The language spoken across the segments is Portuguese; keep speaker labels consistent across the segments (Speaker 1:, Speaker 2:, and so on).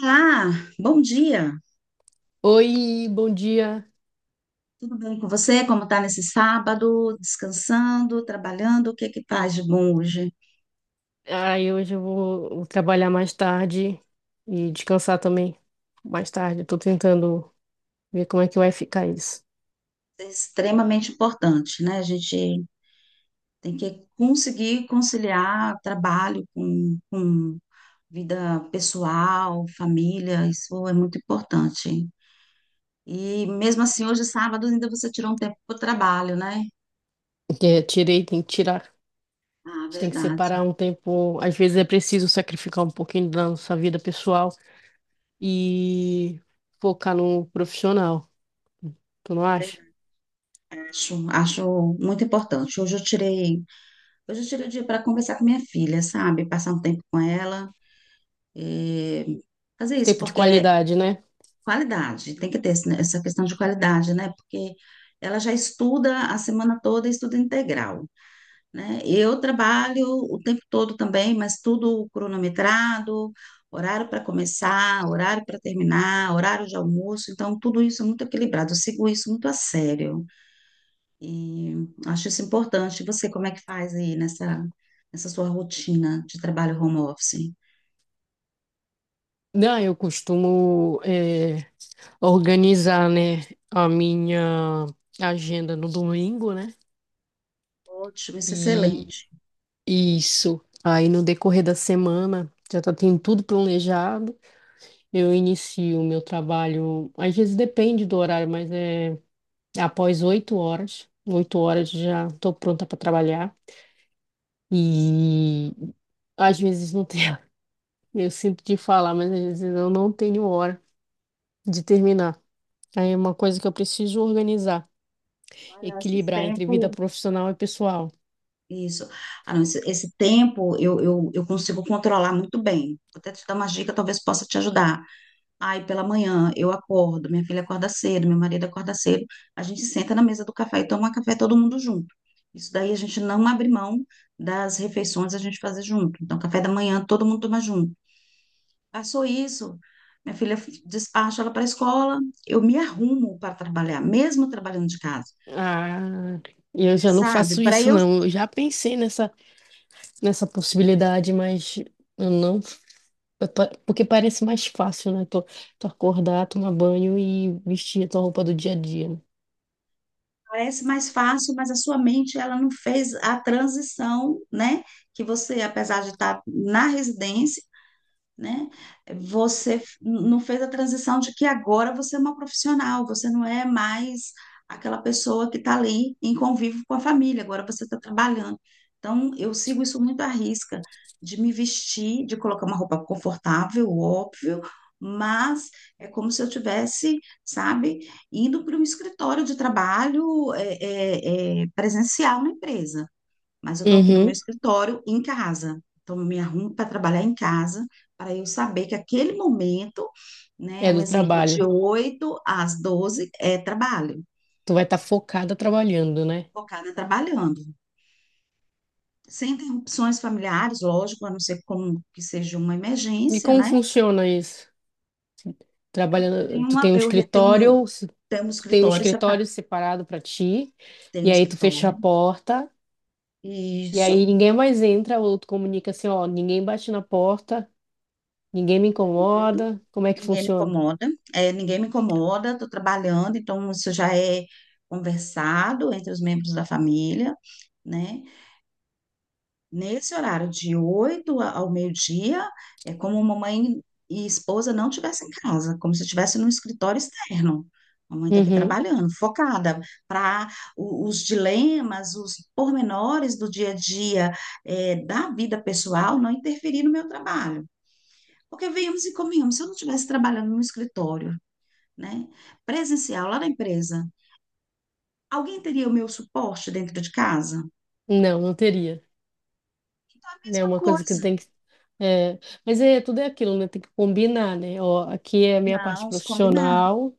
Speaker 1: Olá, bom dia.
Speaker 2: Oi, bom dia.
Speaker 1: Tudo bem com você? Como está nesse sábado? Descansando, trabalhando? O que é que faz de bom hoje?
Speaker 2: Ai, hoje eu vou trabalhar mais tarde e descansar também mais tarde. Eu tô tentando ver como é que vai ficar isso.
Speaker 1: É extremamente importante, né? A gente tem que conseguir conciliar trabalho com vida pessoal, família, isso é muito importante. E mesmo assim, hoje sábado ainda você tirou um tempo para o trabalho, né?
Speaker 2: Porque eu tirei, tem que tirar. A
Speaker 1: Ah,
Speaker 2: gente tem que
Speaker 1: verdade.
Speaker 2: separar um tempo. Às vezes é preciso sacrificar um pouquinho da nossa vida pessoal e focar no profissional. Tu não acha?
Speaker 1: Acho, acho muito importante. Hoje eu tirei o dia para conversar com minha filha, sabe? Passar um tempo com ela, eh, fazer isso,
Speaker 2: Tempo de
Speaker 1: porque é
Speaker 2: qualidade, né?
Speaker 1: qualidade, tem que ter né, essa questão de qualidade, né? Porque ela já estuda a semana toda, e estuda integral, né? Eu trabalho o tempo todo também, mas tudo cronometrado, horário para começar, horário para terminar, horário de almoço, então tudo isso é muito equilibrado, eu sigo isso muito a sério. E acho isso importante. E você, como é que faz aí nessa sua rotina de trabalho home office?
Speaker 2: Não, eu costumo organizar, né, a minha agenda no domingo, né?
Speaker 1: Ótimo, isso é
Speaker 2: E
Speaker 1: excelente.
Speaker 2: Isso. Aí no decorrer da semana, já tá tendo tudo planejado. Eu inicio o meu trabalho, às vezes depende do horário, mas é após 8 horas. 8 horas já tô pronta para trabalhar. E às vezes não tenho, eu sinto de falar, mas às vezes eu não tenho hora de terminar. Aí é uma coisa que eu preciso organizar,
Speaker 1: Ah, não, esse
Speaker 2: equilibrar entre vida
Speaker 1: tempo,
Speaker 2: profissional e pessoal.
Speaker 1: isso. Ah, não, esse tempo eu consigo controlar muito bem. Vou até te dar uma dica, talvez possa te ajudar. Ai, pela manhã eu acordo, minha filha acorda cedo, meu marido acorda cedo, a gente senta na mesa do café e toma café todo mundo junto. Isso daí a gente não abre mão das refeições a gente fazer junto. Então, café da manhã todo mundo toma junto. Passou isso. Minha filha despacha ela para a escola, eu me arrumo para trabalhar, mesmo trabalhando de casa,
Speaker 2: Ah, eu já não
Speaker 1: sabe?
Speaker 2: faço
Speaker 1: Para
Speaker 2: isso,
Speaker 1: eu
Speaker 2: não. Eu já pensei nessa possibilidade, mas eu não. Porque parece mais fácil, né? Tu acordar, tomar banho e vestir a tua roupa do dia a dia, né?
Speaker 1: parece mais fácil, mas a sua mente ela não fez a transição, né? Que você, apesar de estar na residência, né? Você não fez a transição de que agora você é uma profissional, você não é mais aquela pessoa que está ali em convívio com a família, agora você está trabalhando. Então, eu sigo isso muito à risca, de me vestir, de colocar uma roupa confortável, óbvio, mas é como se eu tivesse, sabe, indo para um escritório de trabalho é, presencial na empresa, mas eu estou aqui no meu
Speaker 2: Uhum.
Speaker 1: escritório em casa. Então, eu me arrumo para trabalhar em casa, para eu saber que aquele momento, né,
Speaker 2: É
Speaker 1: um
Speaker 2: do
Speaker 1: exemplo de
Speaker 2: trabalho.
Speaker 1: 8 às 12 é trabalho,
Speaker 2: Tu vai estar focada trabalhando, né?
Speaker 1: focada trabalhando. Sem interrupções familiares, lógico, a não ser como que seja uma
Speaker 2: E
Speaker 1: emergência,
Speaker 2: como
Speaker 1: né?
Speaker 2: funciona isso?
Speaker 1: Tem
Speaker 2: Trabalhando, tu
Speaker 1: uma,
Speaker 2: tem um
Speaker 1: eu re-
Speaker 2: escritório, se-
Speaker 1: tenho um
Speaker 2: tu tem um
Speaker 1: escritório,
Speaker 2: escritório separado para ti,
Speaker 1: tenho um
Speaker 2: e aí tu
Speaker 1: escritório,
Speaker 2: fecha a porta,
Speaker 1: e
Speaker 2: e
Speaker 1: isso.
Speaker 2: aí ninguém mais entra, ou tu comunica assim, ó, ninguém bate na porta, ninguém me incomoda. Como é que
Speaker 1: Ninguém me
Speaker 2: funciona?
Speaker 1: incomoda, é, ninguém me incomoda, estou trabalhando, então isso já é conversado entre os membros da família, né? Nesse horário de 8 ao meio-dia, é como mamãe e esposa não estivessem em casa, como se estivesse num escritório externo. A mãe está aqui
Speaker 2: Uhum.
Speaker 1: trabalhando, focada para os dilemas, os pormenores do dia a dia, é, da vida pessoal não interferir no meu trabalho. Porque viemos e convenhamos, se eu não estivesse trabalhando no escritório, né? Presencial, lá na empresa. Alguém teria o meu suporte dentro de casa?
Speaker 2: Não, não teria.
Speaker 1: Então é a
Speaker 2: Né,
Speaker 1: mesma
Speaker 2: uma coisa que
Speaker 1: coisa.
Speaker 2: tem que. É, mas é, tudo é aquilo, né? Tem que combinar, né? Ó, aqui é a minha parte
Speaker 1: Não, se combinar.
Speaker 2: profissional,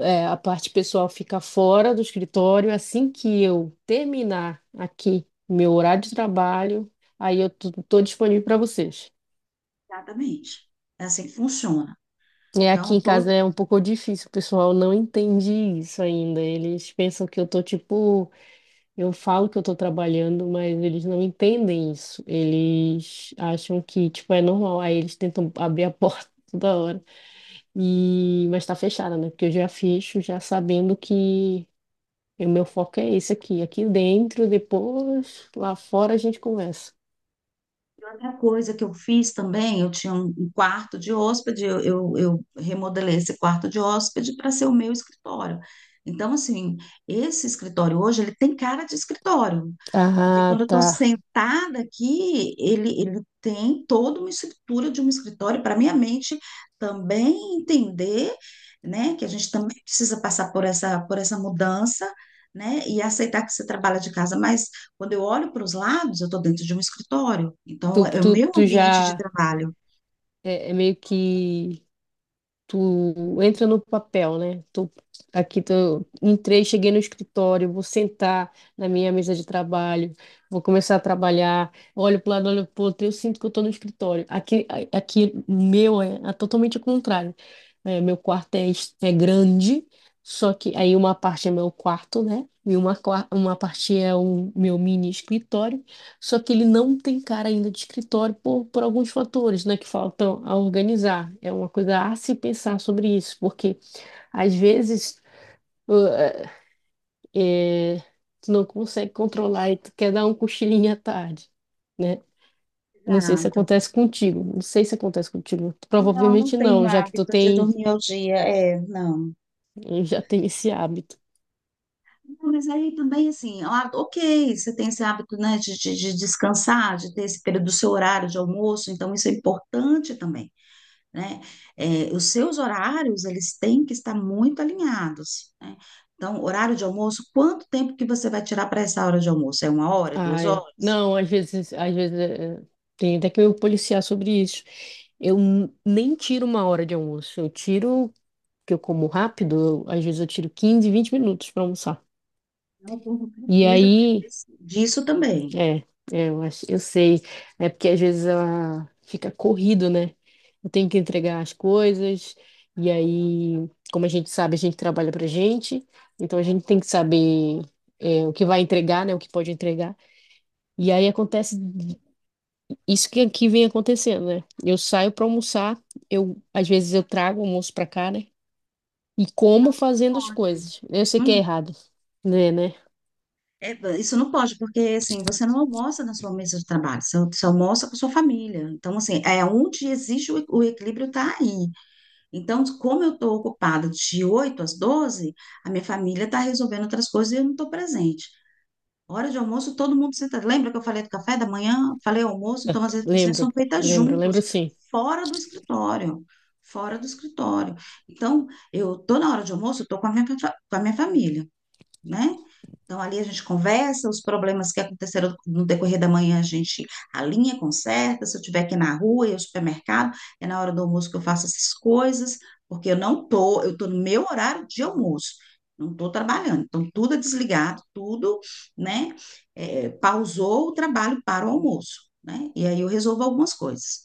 Speaker 2: é, a parte pessoal fica fora do escritório. Assim que eu terminar aqui meu horário de trabalho, aí eu tô disponível para vocês.
Speaker 1: Exatamente. É assim que funciona.
Speaker 2: É, aqui
Speaker 1: Então,
Speaker 2: em
Speaker 1: todo
Speaker 2: casa é um pouco difícil, o pessoal não entende isso ainda. Eles pensam que eu tô tipo. Eu falo que eu estou trabalhando, mas eles não entendem isso. Eles acham que, tipo, é normal. Aí eles tentam abrir a porta toda hora. E... Mas está fechada, né? Porque eu já fecho, já sabendo que o meu foco é esse aqui. Aqui dentro, depois, lá fora a gente conversa.
Speaker 1: Outra coisa que eu fiz também, eu tinha um quarto de hóspede, eu remodelei esse quarto de hóspede para ser o meu escritório. Então, assim, esse escritório hoje, ele tem cara de escritório, porque quando
Speaker 2: Ah,
Speaker 1: eu estou
Speaker 2: tá.
Speaker 1: sentada aqui, ele tem toda uma estrutura de um escritório para minha mente também entender, né, que a gente também precisa passar por por essa mudança, né, e aceitar que você trabalha de casa, mas quando eu olho para os lados, eu estou dentro de um escritório. Então,
Speaker 2: Tu,
Speaker 1: é
Speaker 2: tu,
Speaker 1: o meu
Speaker 2: tu
Speaker 1: ambiente de
Speaker 2: já
Speaker 1: trabalho.
Speaker 2: meio que tu entra no papel, né? Entrei, cheguei no escritório, vou sentar na minha mesa de trabalho, vou começar a trabalhar, olho para o lado, olho para o outro, eu sinto que eu tô no escritório. Aqui, aqui o meu é, é totalmente o contrário. É, meu quarto é grande, só que aí uma parte é meu quarto, né? E uma, uma parte é o meu mini escritório. Só que ele não tem cara ainda de escritório por alguns fatores, né, que faltam a organizar. É uma coisa a se pensar sobre isso, porque às vezes uh, é, é, tu não consegue controlar e tu quer dar um cochilinho à tarde, né? Não sei se
Speaker 1: Exato.
Speaker 2: acontece contigo, não sei se acontece contigo.
Speaker 1: Não, não
Speaker 2: Provavelmente
Speaker 1: tenho
Speaker 2: não, já que tu
Speaker 1: hábito de
Speaker 2: tem,
Speaker 1: dormir ao dia. É, não.
Speaker 2: já tem esse hábito.
Speaker 1: Não, mas aí também, assim, ah, ok, você tem esse hábito, né, de descansar, de ter esse período do seu horário de almoço, então isso é importante também, né? É, os seus horários, eles têm que estar muito alinhados, né? Então, horário de almoço, quanto tempo que você vai tirar para essa hora de almoço? É uma hora,
Speaker 2: Ah,
Speaker 1: duas
Speaker 2: é.
Speaker 1: horas?
Speaker 2: Não, às vezes tem até que eu policiar sobre isso. Eu nem tiro uma hora de almoço, eu tiro porque eu como rápido, às vezes eu tiro 15 a 20 minutos para almoçar.
Speaker 1: Então, o povo
Speaker 2: E
Speaker 1: precisa
Speaker 2: aí,
Speaker 1: disso também.
Speaker 2: é, eu acho, eu sei, é porque às vezes fica corrido, né? Eu tenho que entregar as coisas, e aí, como a gente sabe, a gente trabalha pra gente, então a gente tem que saber é, o que vai entregar, né? O que pode entregar. E aí acontece isso que aqui vem acontecendo, né? Eu saio para almoçar, eu às vezes eu trago o almoço para cá, né? E como fazendo as
Speaker 1: Pode.
Speaker 2: coisas. Eu sei que é
Speaker 1: Hum,
Speaker 2: errado, né?
Speaker 1: é, isso não pode, porque assim, você não almoça na sua mesa de trabalho, você almoça com sua família. Então, assim, é onde existe o equilíbrio está aí. Então, como eu estou ocupada de 8 às 12, a minha família está resolvendo outras coisas e eu não estou presente. Hora de almoço, todo mundo senta. Lembra que eu falei do café da manhã? Falei almoço, então as refeições
Speaker 2: Lembro,
Speaker 1: são feitas
Speaker 2: lembro,
Speaker 1: juntos,
Speaker 2: lembro sim.
Speaker 1: fora do escritório. Fora do escritório. Então, eu tô na hora de almoço, eu tô com a minha família, né? Então, ali a gente conversa, os problemas que aconteceram no decorrer da manhã, a gente alinha, conserta. Se eu estiver aqui na rua e ao supermercado, é na hora do almoço que eu faço essas coisas, porque eu não tô, eu tô no meu horário de almoço, não tô trabalhando. Então, tudo é desligado, tudo, né? É, pausou o trabalho para o almoço, né? E aí eu resolvo algumas coisas.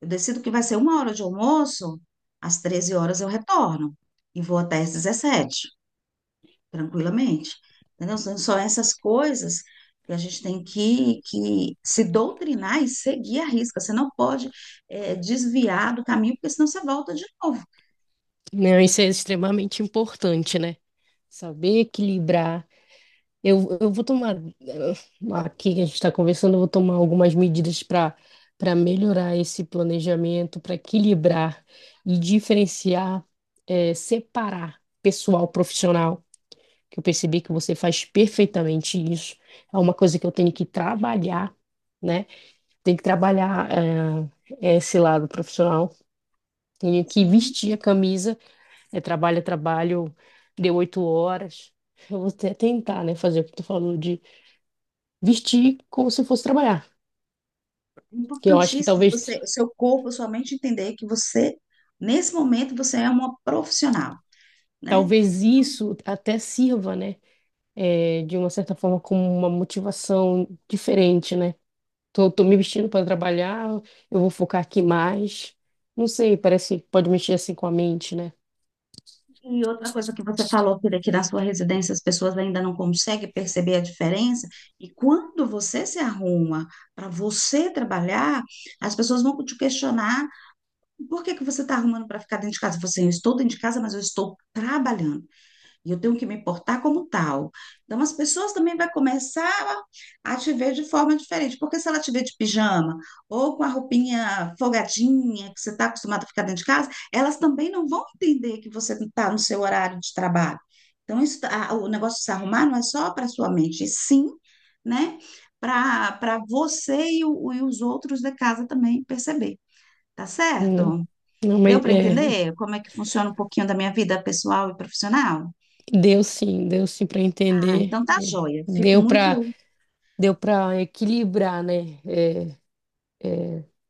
Speaker 1: Eu decido que vai ser uma hora de almoço, às 13 horas eu retorno e vou até às 17 tranquilamente. Entendeu? São essas coisas que a gente tem que se doutrinar e seguir a risca. Você não pode desviar do caminho, porque senão você volta de novo.
Speaker 2: Não, isso é extremamente importante, né? Saber equilibrar. Eu vou tomar, aqui que a gente está conversando, eu vou tomar algumas medidas para para melhorar esse planejamento, para equilibrar e diferenciar, separar pessoal profissional, que eu percebi que você faz perfeitamente isso. É uma coisa que eu tenho que trabalhar, né? Tenho que trabalhar, esse lado profissional, tenho que
Speaker 1: Sim,
Speaker 2: vestir
Speaker 1: sim.
Speaker 2: a camisa. É trabalho, deu 8 horas. Eu vou até tentar, né, fazer o que tu falou de vestir como se fosse trabalhar. Que eu acho que
Speaker 1: Importantíssimo você,
Speaker 2: talvez,
Speaker 1: o seu corpo, a sua mente entender que você, nesse momento, você é uma profissional, né?
Speaker 2: talvez
Speaker 1: Então,
Speaker 2: isso até sirva, né, de uma certa forma como uma motivação diferente, né? Tô me vestindo para trabalhar, eu vou focar aqui mais. Não sei, parece que pode mexer assim com a mente, né?
Speaker 1: E outra coisa que você falou, Pira, que na sua residência as pessoas ainda não conseguem perceber a diferença, e quando você se arruma para você trabalhar, as pessoas vão te questionar por que que você está arrumando para ficar dentro de casa? Você, eu estou dentro de casa, mas eu estou trabalhando. E eu tenho que me importar como tal. Então, as pessoas também vão começar a te ver de forma diferente. Porque se ela te ver de pijama ou com a roupinha folgadinha, que você está acostumado a ficar dentro de casa, elas também não vão entender que você está no seu horário de trabalho. Então, isso, tá, o negócio de se arrumar não é só para sua mente, e sim, né? Para você e, e os outros da casa também perceber. Tá
Speaker 2: Não,
Speaker 1: certo?
Speaker 2: não,
Speaker 1: Deu
Speaker 2: mas
Speaker 1: para
Speaker 2: é,
Speaker 1: entender como é que funciona um pouquinho da minha vida pessoal e profissional?
Speaker 2: deu sim para
Speaker 1: Ah, então
Speaker 2: entender.
Speaker 1: tá joia. Fico
Speaker 2: Deu para
Speaker 1: muito,
Speaker 2: deu para equilibrar, né? É,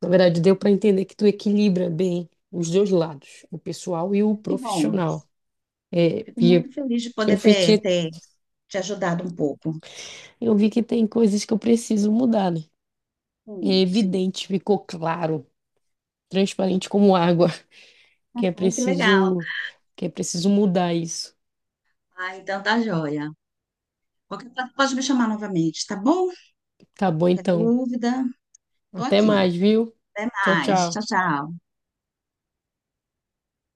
Speaker 2: na verdade, deu para entender que tu equilibra bem os dois lados, o pessoal e o
Speaker 1: que bom.
Speaker 2: profissional.
Speaker 1: Fico
Speaker 2: E eu
Speaker 1: muito feliz de
Speaker 2: eu
Speaker 1: poder ter,
Speaker 2: fiquei,
Speaker 1: ter te ajudado um pouco.
Speaker 2: eu vi que tem coisas que eu preciso mudar, né? É
Speaker 1: Sim, sim.
Speaker 2: evidente, ficou claro, transparente como água, que é
Speaker 1: Ai, que legal.
Speaker 2: preciso, que é preciso mudar isso.
Speaker 1: Ah, então tá joia. Qualquer coisa pode me chamar novamente, tá bom?
Speaker 2: Tá bom,
Speaker 1: Qualquer
Speaker 2: então.
Speaker 1: dúvida, tô
Speaker 2: Até
Speaker 1: aqui.
Speaker 2: mais, viu?
Speaker 1: Até
Speaker 2: Tchau,
Speaker 1: mais. Tchau,
Speaker 2: tchau.
Speaker 1: tchau.